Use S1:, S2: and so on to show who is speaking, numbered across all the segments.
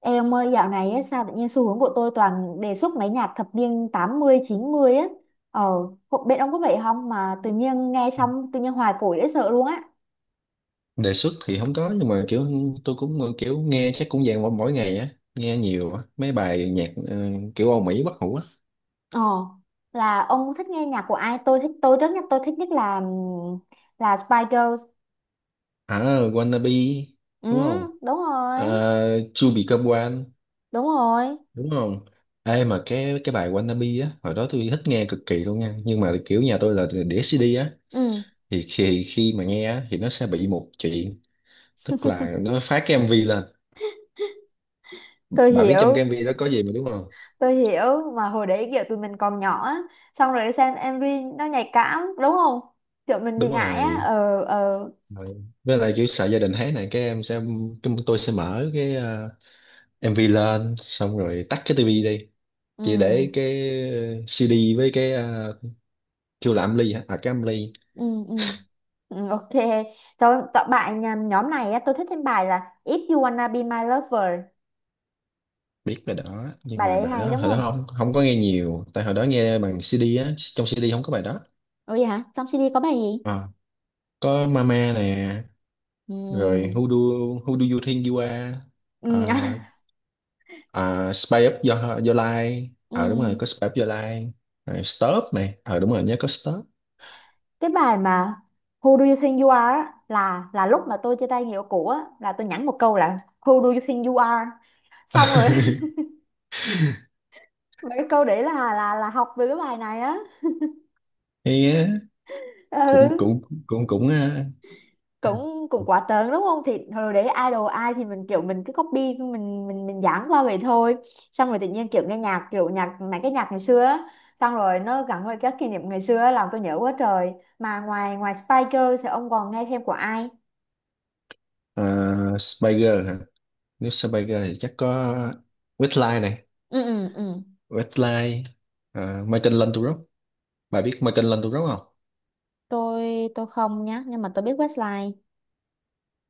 S1: Ê ông ơi, dạo này ấy, sao tự nhiên xu hướng của tôi toàn đề xuất mấy nhạc thập niên 80 90 á. Ờ, bên ông có vậy không mà tự nhiên nghe xong tự nhiên hoài cổ dễ sợ luôn á.
S2: Đề xuất thì không có nhưng mà kiểu tôi cũng kiểu nghe chắc cũng dạng mỗi mỗi ngày á nghe nhiều á mấy bài nhạc kiểu Âu Mỹ bất hủ á.
S1: Ờ, là ông thích nghe nhạc của ai? Tôi thích nhất là là Spice Girls.
S2: À, Wannabe
S1: Ừ,
S2: đúng không?
S1: đúng rồi.
S2: To Become One
S1: Đúng rồi.
S2: đúng không? Ê, mà cái bài Wannabe á hồi đó tôi thích nghe cực kỳ luôn nha, nhưng mà kiểu nhà tôi là đĩa CD á
S1: Ừ,
S2: thì khi khi mà nghe á thì nó sẽ bị một chuyện, tức là nó phát cái MV lên.
S1: tôi
S2: Bà biết trong
S1: hiểu.
S2: cái MV đó có gì mà đúng không?
S1: Tôi hiểu, mà hồi đấy kiểu tụi mình còn nhỏ á, xong rồi xem MV nó nhạy cảm đúng không? Kiểu mình bị
S2: Đúng
S1: ngại á.
S2: rồi.
S1: Ờ, ờ.
S2: Rồi. Với lại kiểu sợ gia đình thấy này cái em sẽ chúng tôi sẽ mở cái MV lên xong rồi tắt cái tivi đi, chỉ
S1: Ừ,
S2: để cái CD với cái kêu là âm ly hả, à, cái âm ly.
S1: ừ, ừ. Ừ, ok, cho chọn bài nhóm này á, tôi thích thêm bài là If You Wanna Be My Lover.
S2: Biết bài đó nhưng
S1: Bài
S2: mà
S1: đấy
S2: bài
S1: hay
S2: đó
S1: đúng
S2: hồi đó
S1: không?
S2: không không có nghe nhiều, tại hồi đó nghe bằng CD á, trong CD không có bài đó.
S1: Ủa vậy hả, trong CD có bài gì?
S2: Ờ. Có Mama nè, rồi
S1: Ừ,
S2: Who Do, Who Do You Think You Are.
S1: ừ,
S2: Ờ, à, Spy Up Your, Your Life ờ đúng rồi,
S1: ừ.
S2: có Spy Up Your Life, rồi Stop này, ờ đúng rồi nhớ có Stop.
S1: Cái bài mà Who do you think you are á, là lúc mà tôi chia tay người yêu cũ á, là tôi nhắn một câu là Who do you think you are, xong rồi. Mấy cái câu đấy là học từ cái bài này á.
S2: Cũng
S1: Ừ.
S2: cũng cũng cũng ờ,
S1: cũng cũng quá trớn đúng không? Thì hồi đấy idol ai thì mình, kiểu mình cứ copy, mình dán qua vậy thôi. Xong rồi tự nhiên kiểu nghe nhạc, kiểu nhạc, mấy cái nhạc ngày xưa á, xong rồi nó gắn với các kỷ niệm ngày xưa á, làm tôi nhớ quá trời. Mà ngoài ngoài Spice Girls thì ông còn nghe thêm của ai?
S2: ờ, Spiger hả? Nếu Spiger thì chắc có Westlife này,
S1: Ừ, ừ, ừ.
S2: Westlife, Michael Landau. Bà biết Michael Landau không?
S1: Tôi không nhá, nhưng mà tôi biết Westlife.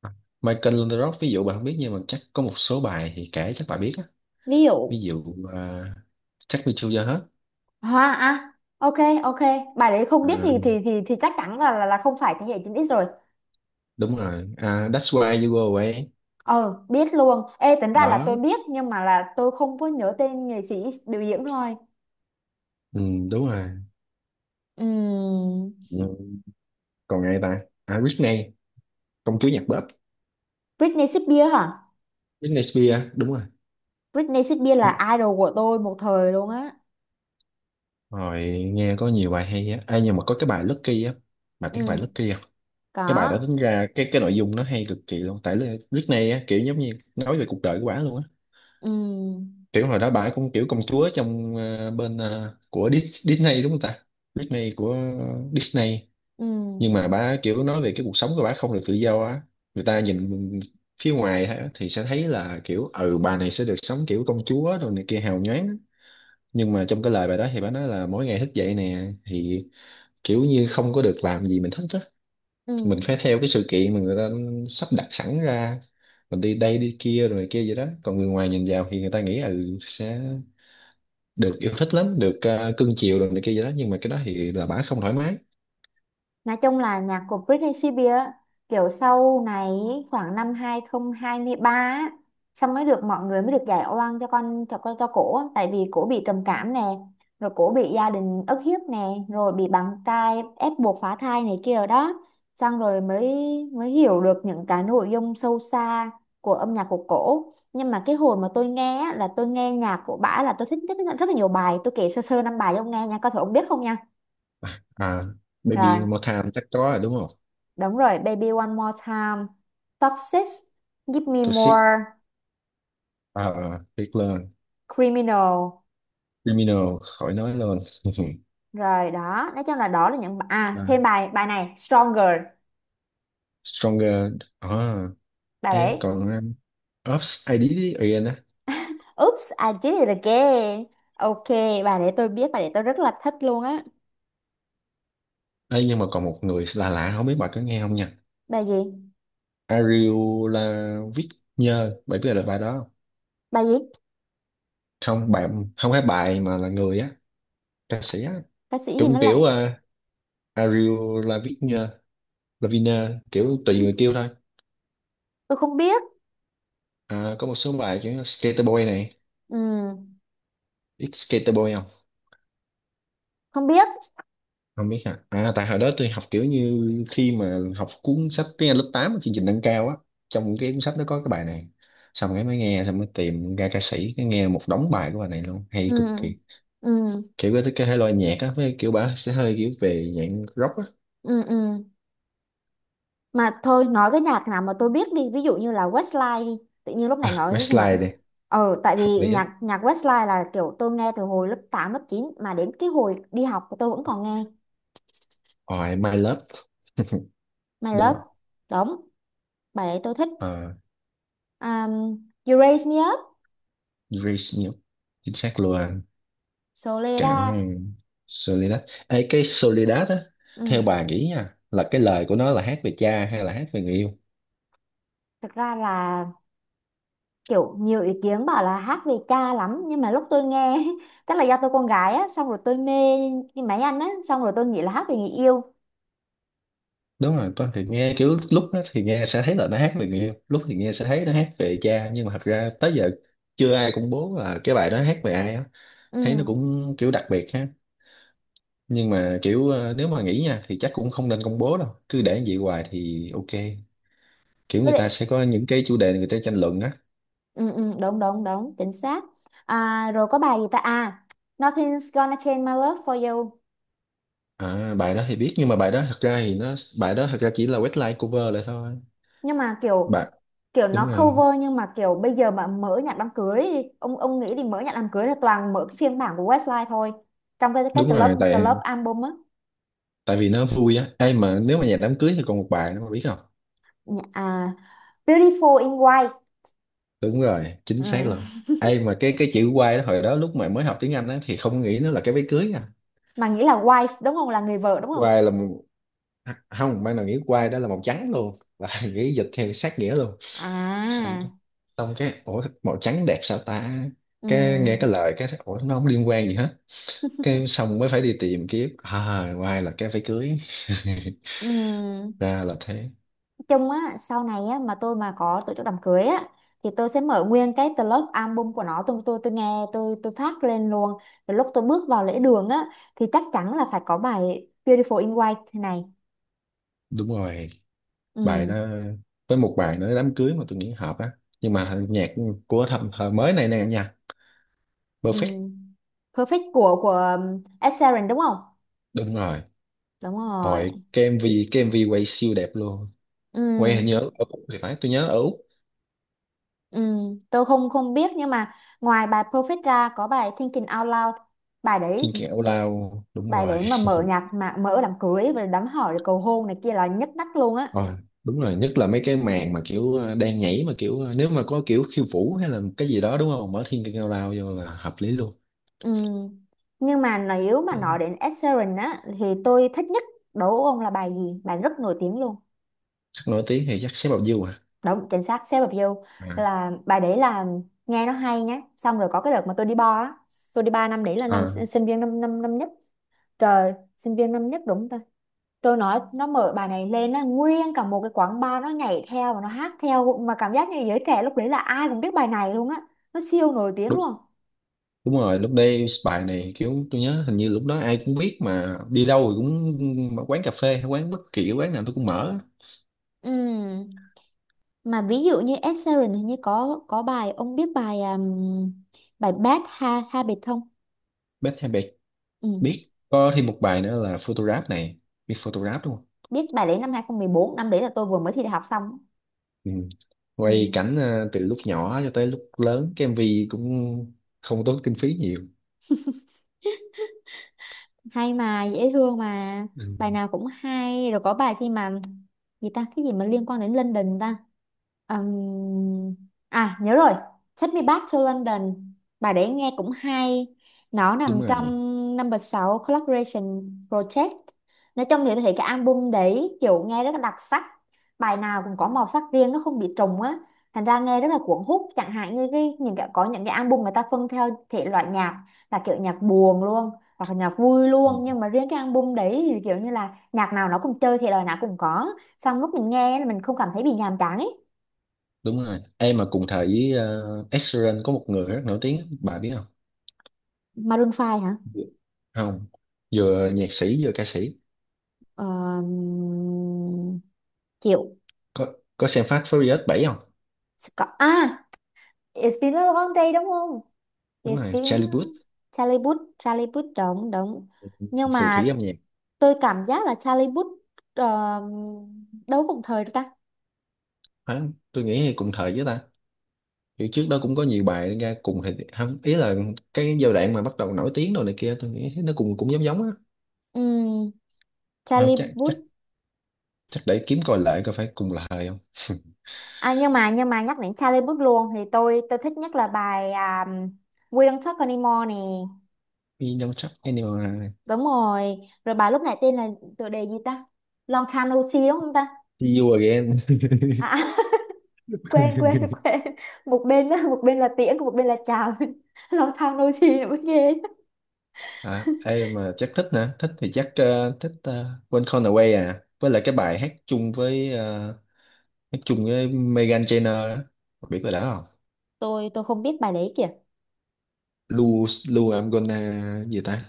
S2: À, Michael Landau ví dụ bà không biết nhưng mà chắc có một số bài thì kể chắc bà biết á.
S1: Ví dụ.
S2: Ví dụ ờ, Take Me To Your Heart.
S1: À, à. Ok, ok. Bài đấy không
S2: Ờ,
S1: biết thì chắc chắn là không phải thế hệ 9X rồi.
S2: đúng rồi, à, That's Why You Go Away.
S1: Ờ, biết luôn. Ê, tính ra là tôi
S2: Đó,
S1: biết, nhưng mà là tôi không có nhớ tên nghệ sĩ biểu diễn thôi.
S2: ừ, đúng rồi.
S1: Ừm,
S2: Ừ. Còn ai ta? À, Britney, công chúa nhạc pop.
S1: Britney Spears hả?
S2: Britney Spears đúng rồi.
S1: Britney Spears là idol của tôi một thời luôn á.
S2: Rồi, nghe có nhiều bài hay á. Ê, nhưng mà có cái bài Lucky á, bài tiếng bài
S1: Ừ,
S2: Lucky không?
S1: có.
S2: Cái bài đó tính ra cái nội dung nó hay cực kỳ luôn. Tại là lúc này á, kiểu giống như nói về cuộc đời của bả luôn á.
S1: Ừ,
S2: Kiểu hồi đó bả cũng kiểu công chúa trong bên của Disney đúng không ta? Disney của Disney.
S1: ừ,
S2: Nhưng mà bả kiểu nói về cái cuộc sống của bả không được tự do á. Người ta nhìn phía ngoài á, thì sẽ thấy là kiểu ừ bà này sẽ được sống kiểu công chúa rồi này kia hào nhoáng á. Nhưng mà trong cái lời bài đó thì bả nói là mỗi ngày thức dậy nè thì kiểu như không có được làm gì mình thích á,
S1: ừ.
S2: mình phải theo cái sự kiện mà người ta sắp đặt sẵn ra, mình đi đây đi kia rồi kia vậy đó, còn người ngoài nhìn vào thì người ta nghĩ ừ sẽ được yêu thích lắm, được cưng chiều rồi này kia vậy đó, nhưng mà cái đó thì là bả không thoải mái.
S1: Nói chung là nhạc của Britney Spears á, kiểu sau này, khoảng năm 2023 á, xong mới được mọi người mới được giải oan cho cổ á. Tại vì cổ bị trầm cảm nè, rồi cổ bị gia đình ức hiếp nè, rồi bị bạn trai ép buộc phá thai này kia rồi đó, xong rồi mới mới hiểu được những cái nội dung sâu xa của âm nhạc của cổ. Nhưng mà cái hồi mà tôi nghe á, là tôi nghe nhạc của bả, là tôi thích rất, rất là nhiều bài. Tôi kể sơ sơ năm bài cho ông nghe nha, coi thử ông biết không nha.
S2: À, Baby
S1: Rồi.
S2: One More Time chắc có rồi đúng không?
S1: Đúng rồi, Baby One More Time, Top 6, Give Me
S2: Toxic,
S1: More,
S2: à, Big Love,
S1: Criminal.
S2: Criminal, khỏi nói luôn.
S1: Rồi đó, nói chung là đó là những
S2: Đó.
S1: thêm bài bài này Stronger,
S2: Stronger, à,
S1: bài
S2: ê
S1: đấy.
S2: còn Ops ID á.
S1: Oops, I did it again. Ok, bài để tôi biết, bài để tôi rất là thích luôn á.
S2: Ê, nhưng mà còn một người là lạ lạ, không biết bà có nghe không nha?
S1: Bài gì?
S2: Ariel, là, viết, nhơ bạn biết là bài đó không?
S1: Bài gì?
S2: Không, bạn, không phải bài mà là người á, ca sĩ á,
S1: Ca sĩ gì nó
S2: cũng
S1: lại,
S2: kiểu à, Ariel là Lavigne kiểu tùy người kêu thôi.
S1: tôi không biết.
S2: À, có một số bài kiểu Skater Boy này,
S1: Ừ,
S2: biết Skater Boy không?
S1: không biết.
S2: Không biết hả? À, tại hồi đó tôi học kiểu như khi mà học cuốn sách tiếng Anh lớp 8 ở chương trình nâng cao á, trong cái cuốn sách nó có cái bài này, xong cái mới nghe xong mới tìm ra ca sĩ, cái nghe một đống bài của bài này luôn hay cực
S1: Ừ.
S2: kỳ.
S1: Ừ,
S2: Kiểu cái thể loại nhạc á với kiểu bà sẽ hơi kiểu về dạng rock á.
S1: ừ, ừ. Ừ. Mà thôi, nói cái nhạc nào mà tôi biết đi, ví dụ như là Westlife đi. Tự nhiên lúc
S2: À,
S1: này nói.
S2: Westlife đi,
S1: Tại
S2: hợp
S1: vì
S2: lý á.
S1: nhạc nhạc Westlife là kiểu tôi nghe từ hồi lớp 8 lớp chín, mà đến cái hồi đi học tôi vẫn còn nghe.
S2: Ôi, My Love
S1: My
S2: đúng
S1: Love.
S2: không?
S1: Đúng, bài đấy tôi thích.
S2: Ờ,
S1: um, You Raise Me Up.
S2: Dreams nhiều, chính xác luôn. Cả
S1: Soledad.
S2: ừ, Soledad. Ê, cái Soledad á, theo
S1: Ừ.
S2: bà nghĩ nha là cái lời của nó là hát về cha hay là hát về người yêu?
S1: Thực ra là kiểu nhiều ý kiến bảo là hát về cha lắm, nhưng mà lúc tôi nghe chắc là do tôi con gái á, xong rồi tôi mê cái máy anh á, xong rồi tôi nghĩ là hát về người yêu.
S2: Đúng rồi, con thì nghe kiểu lúc đó thì nghe sẽ thấy là nó hát về người yêu, lúc thì nghe sẽ thấy nó hát về cha, nhưng mà thật ra tới giờ chưa ai công bố là cái bài đó hát về ai á. Thấy nó
S1: Ừ.
S2: cũng kiểu đặc biệt ha. Nhưng mà kiểu nếu mà nghĩ nha thì chắc cũng không nên công bố đâu, cứ để như vậy hoài thì ok, kiểu
S1: Tôi
S2: người
S1: định.
S2: ta sẽ có những cái chủ đề người ta tranh luận á.
S1: Ừ, ừ, đúng đúng đúng, chính xác. À, rồi có bài gì ta? À, Nothing's gonna change my love for you.
S2: À, bài đó thì biết nhưng mà bài đó thật ra chỉ là webline cover lại thôi.
S1: Nhưng mà kiểu
S2: Bạn
S1: kiểu
S2: đúng
S1: nó
S2: rồi,
S1: cover, nhưng mà kiểu bây giờ mà mở nhạc đám cưới đi, ông nghĩ đi, mở nhạc đám cưới là toàn mở cái phiên bản của Westlife thôi, trong cái
S2: đúng
S1: The Love
S2: rồi, tại
S1: Album á.
S2: tại vì nó vui á, ai mà nếu mà nhà đám cưới thì còn một bài nữa mà biết không?
S1: Nhạc- à, Beautiful in White.
S2: Đúng rồi, chính xác
S1: Ừ.
S2: luôn. Ai mà cái chữ quay đó hồi đó lúc mà mới học tiếng Anh á thì không nghĩ nó là cái váy cưới à?
S1: Mà nghĩ là wife đúng không, là người vợ đúng không?
S2: Quay là một-, không, ban đầu nghĩ quay đó là màu trắng luôn và nghĩ dịch theo sát nghĩa luôn,
S1: À.
S2: xong xong cái ủa màu trắng đẹp sao ta?
S1: Ừ.
S2: Cái nghe cái lời cái ủa nó không liên quan gì hết, cái xong mới phải đi tìm kiếm à ngoài là cái váy cưới.
S1: Ừ.
S2: Ra là thế.
S1: Chung á, sau này á mà tôi mà có tổ chức đám cưới á, thì tôi sẽ mở nguyên cái club album của nó. Tôi nghe, tôi phát lên luôn, rồi lúc tôi bước vào lễ đường á thì chắc chắn là phải có bài Beautiful in White này.
S2: Đúng rồi, bài
S1: Ừ,
S2: đó với một bài nữa đám cưới mà tôi nghĩ hợp á, nhưng mà nhạc của thầm thời mới này nè nha,
S1: ừ.
S2: Perfect.
S1: Perfect của Ed Sheeran đúng không?
S2: Đúng rồi,
S1: Đúng rồi.
S2: hồi cái MV, cái MV quay siêu đẹp luôn, quay hình
S1: Ừ,
S2: như ở Úc thì phải, tôi nhớ ở Úc.
S1: ừ. Tôi không không biết, nhưng mà ngoài bài Perfect ra có bài Thinking Out Loud. Bài đấy.
S2: Trên kẹo lao đúng
S1: Bài
S2: rồi.
S1: đấy mà mở nhạc, mà mở đám cưới và đám hỏi rồi cầu hôn này kia là nhất đắt luôn á.
S2: Ờ, đúng rồi nhất là mấy cái màn mà kiểu đang nhảy mà kiểu nếu mà có kiểu khiêu vũ hay là cái gì đó đúng không, mở thiên cao lao vô là hợp lý luôn.
S1: Ừ. Nhưng mà nếu mà
S2: Ờ,
S1: nói đến Ed Sheeran á thì tôi thích nhất, đối với ông là bài gì? Bài rất nổi tiếng luôn.
S2: chắc nổi tiếng thì chắc xếp vào view à.
S1: Đúng, chính xác, Shape of You
S2: À,
S1: là bài đấy, là nghe nó hay nhé. Xong rồi có cái đợt mà tôi đi bar á, tôi đi bar năm đấy là năm sinh
S2: à,
S1: sinh viên năm năm năm nhất. Trời, sinh viên năm nhất đúng ta. Tôi nói nó mở bài này lên, nó nguyên cả một cái quán bar nó nhảy theo và nó hát theo, mà cảm giác như giới trẻ lúc đấy là ai cũng biết bài này luôn á. Nó siêu nổi tiếng
S2: đúng,
S1: luôn.
S2: đúng rồi lúc đây bài này kiểu tôi nhớ hình như lúc đó ai cũng biết mà đi đâu rồi cũng, mà quán cà phê hay quán bất kỳ quán nào tôi cũng mở.
S1: Ừ. Mà ví dụ như Ed Sheeran hình như có bài, ông biết bài bài Bad Habit không?
S2: Biết, hay biết,
S1: Ừ.
S2: biết có thêm một bài nữa là photograph này, biết photograph đúng không?
S1: Biết bài đấy, năm 2014, năm đấy là tôi vừa mới thi đại học xong.
S2: Ừ.
S1: Ừ.
S2: Quay cảnh từ lúc nhỏ cho tới lúc lớn cái MV, cũng không tốn kinh phí nhiều.
S1: Hay mà dễ thương mà.
S2: Ừ.
S1: Bài nào cũng hay. Rồi có bài khi mà gì ta, cái gì mà liên quan đến London ta. Ừm, À, nhớ rồi, Take Me Back to London, bài đấy nghe cũng hay. Nó
S2: Đúng
S1: nằm trong
S2: rồi.
S1: number 6 collaboration project. Nói chung thì tôi thấy cái album đấy kiểu nghe rất là đặc sắc, bài nào cũng có màu sắc riêng, nó không bị trùng á, thành ra nghe rất là cuốn hút. Chẳng hạn như cái những cái có những cái album người ta phân theo thể loại nhạc là kiểu nhạc buồn luôn hoặc là nhạc vui
S2: Ừ,
S1: luôn, nhưng mà riêng cái album đấy thì kiểu như là nhạc nào nó cũng chơi thì lời nào cũng có, xong lúc mình nghe là mình không cảm thấy bị nhàm chán ấy.
S2: đúng rồi em mà cùng thời với Ed Sheeran có một người rất nổi tiếng bà biết không?
S1: Maroon 5 hả?
S2: Dạ. Không, vừa nhạc sĩ vừa ca sĩ.
S1: uh, Chịu.
S2: có có xem Fast Furious 7 không?
S1: Có à, It's been a long day đúng không?
S2: Đúng
S1: It's
S2: rồi,
S1: been
S2: Charlie Puth,
S1: Charlie Puth, Charlie Puth đúng đúng. Nhưng
S2: phù thủy
S1: mà
S2: âm nhạc.
S1: tôi cảm giác là Charlie Puth ờ, đâu cùng thời được ta.
S2: Phải, tôi nghĩ cùng thời với ta, kiểu trước đó cũng có nhiều bài ra cùng thời không ý là cái giai đoạn mà bắt đầu nổi tiếng rồi này kia tôi nghĩ nó cùng cũng giống giống á.
S1: Ừm,
S2: Không,
S1: Charlie
S2: chắc chắc
S1: Puth.
S2: chắc để kiếm coi lại coi phải cùng là thời không.
S1: À, nhưng mà nhắc đến Charlie Puth luôn thì tôi thích nhất là bài We Don't Talk Anymore nè.
S2: We don't trust anyone.
S1: Đúng rồi. Rồi bài lúc nãy tên là, tựa đề gì ta? Long Time No See đúng không ta?
S2: See you again.
S1: à, à, quên quên quên, một bên á, một bên là tiễn, một bên là chào. Long Time No See nữa mới ghê.
S2: À, ai mà chắc thích nè, thích thì chắc thích When Gone Away, à, với lại cái bài hát chung với hát chung với Meghan Trainor đó. Không biết bài đó không?
S1: Tôi không biết bài đấy kìa.
S2: Lu Lu I'm gonna gì ta?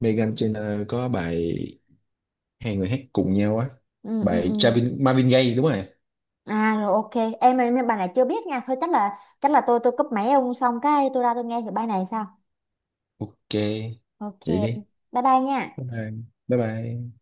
S2: Meghan Trainor có bài hai người hát cùng nhau á,
S1: Ừ, ừ,
S2: bài
S1: ừ.
S2: Travin, Marvin Gaye đúng rồi.
S1: À, rồi ok. Em bài này chưa biết nha, thôi chắc là tôi cúp máy ông xong cái tôi ra tôi nghe thử bài này sao.
S2: Ok,
S1: Ok,
S2: vậy đi.
S1: bye bye nha.
S2: Bye bye. Bye bye.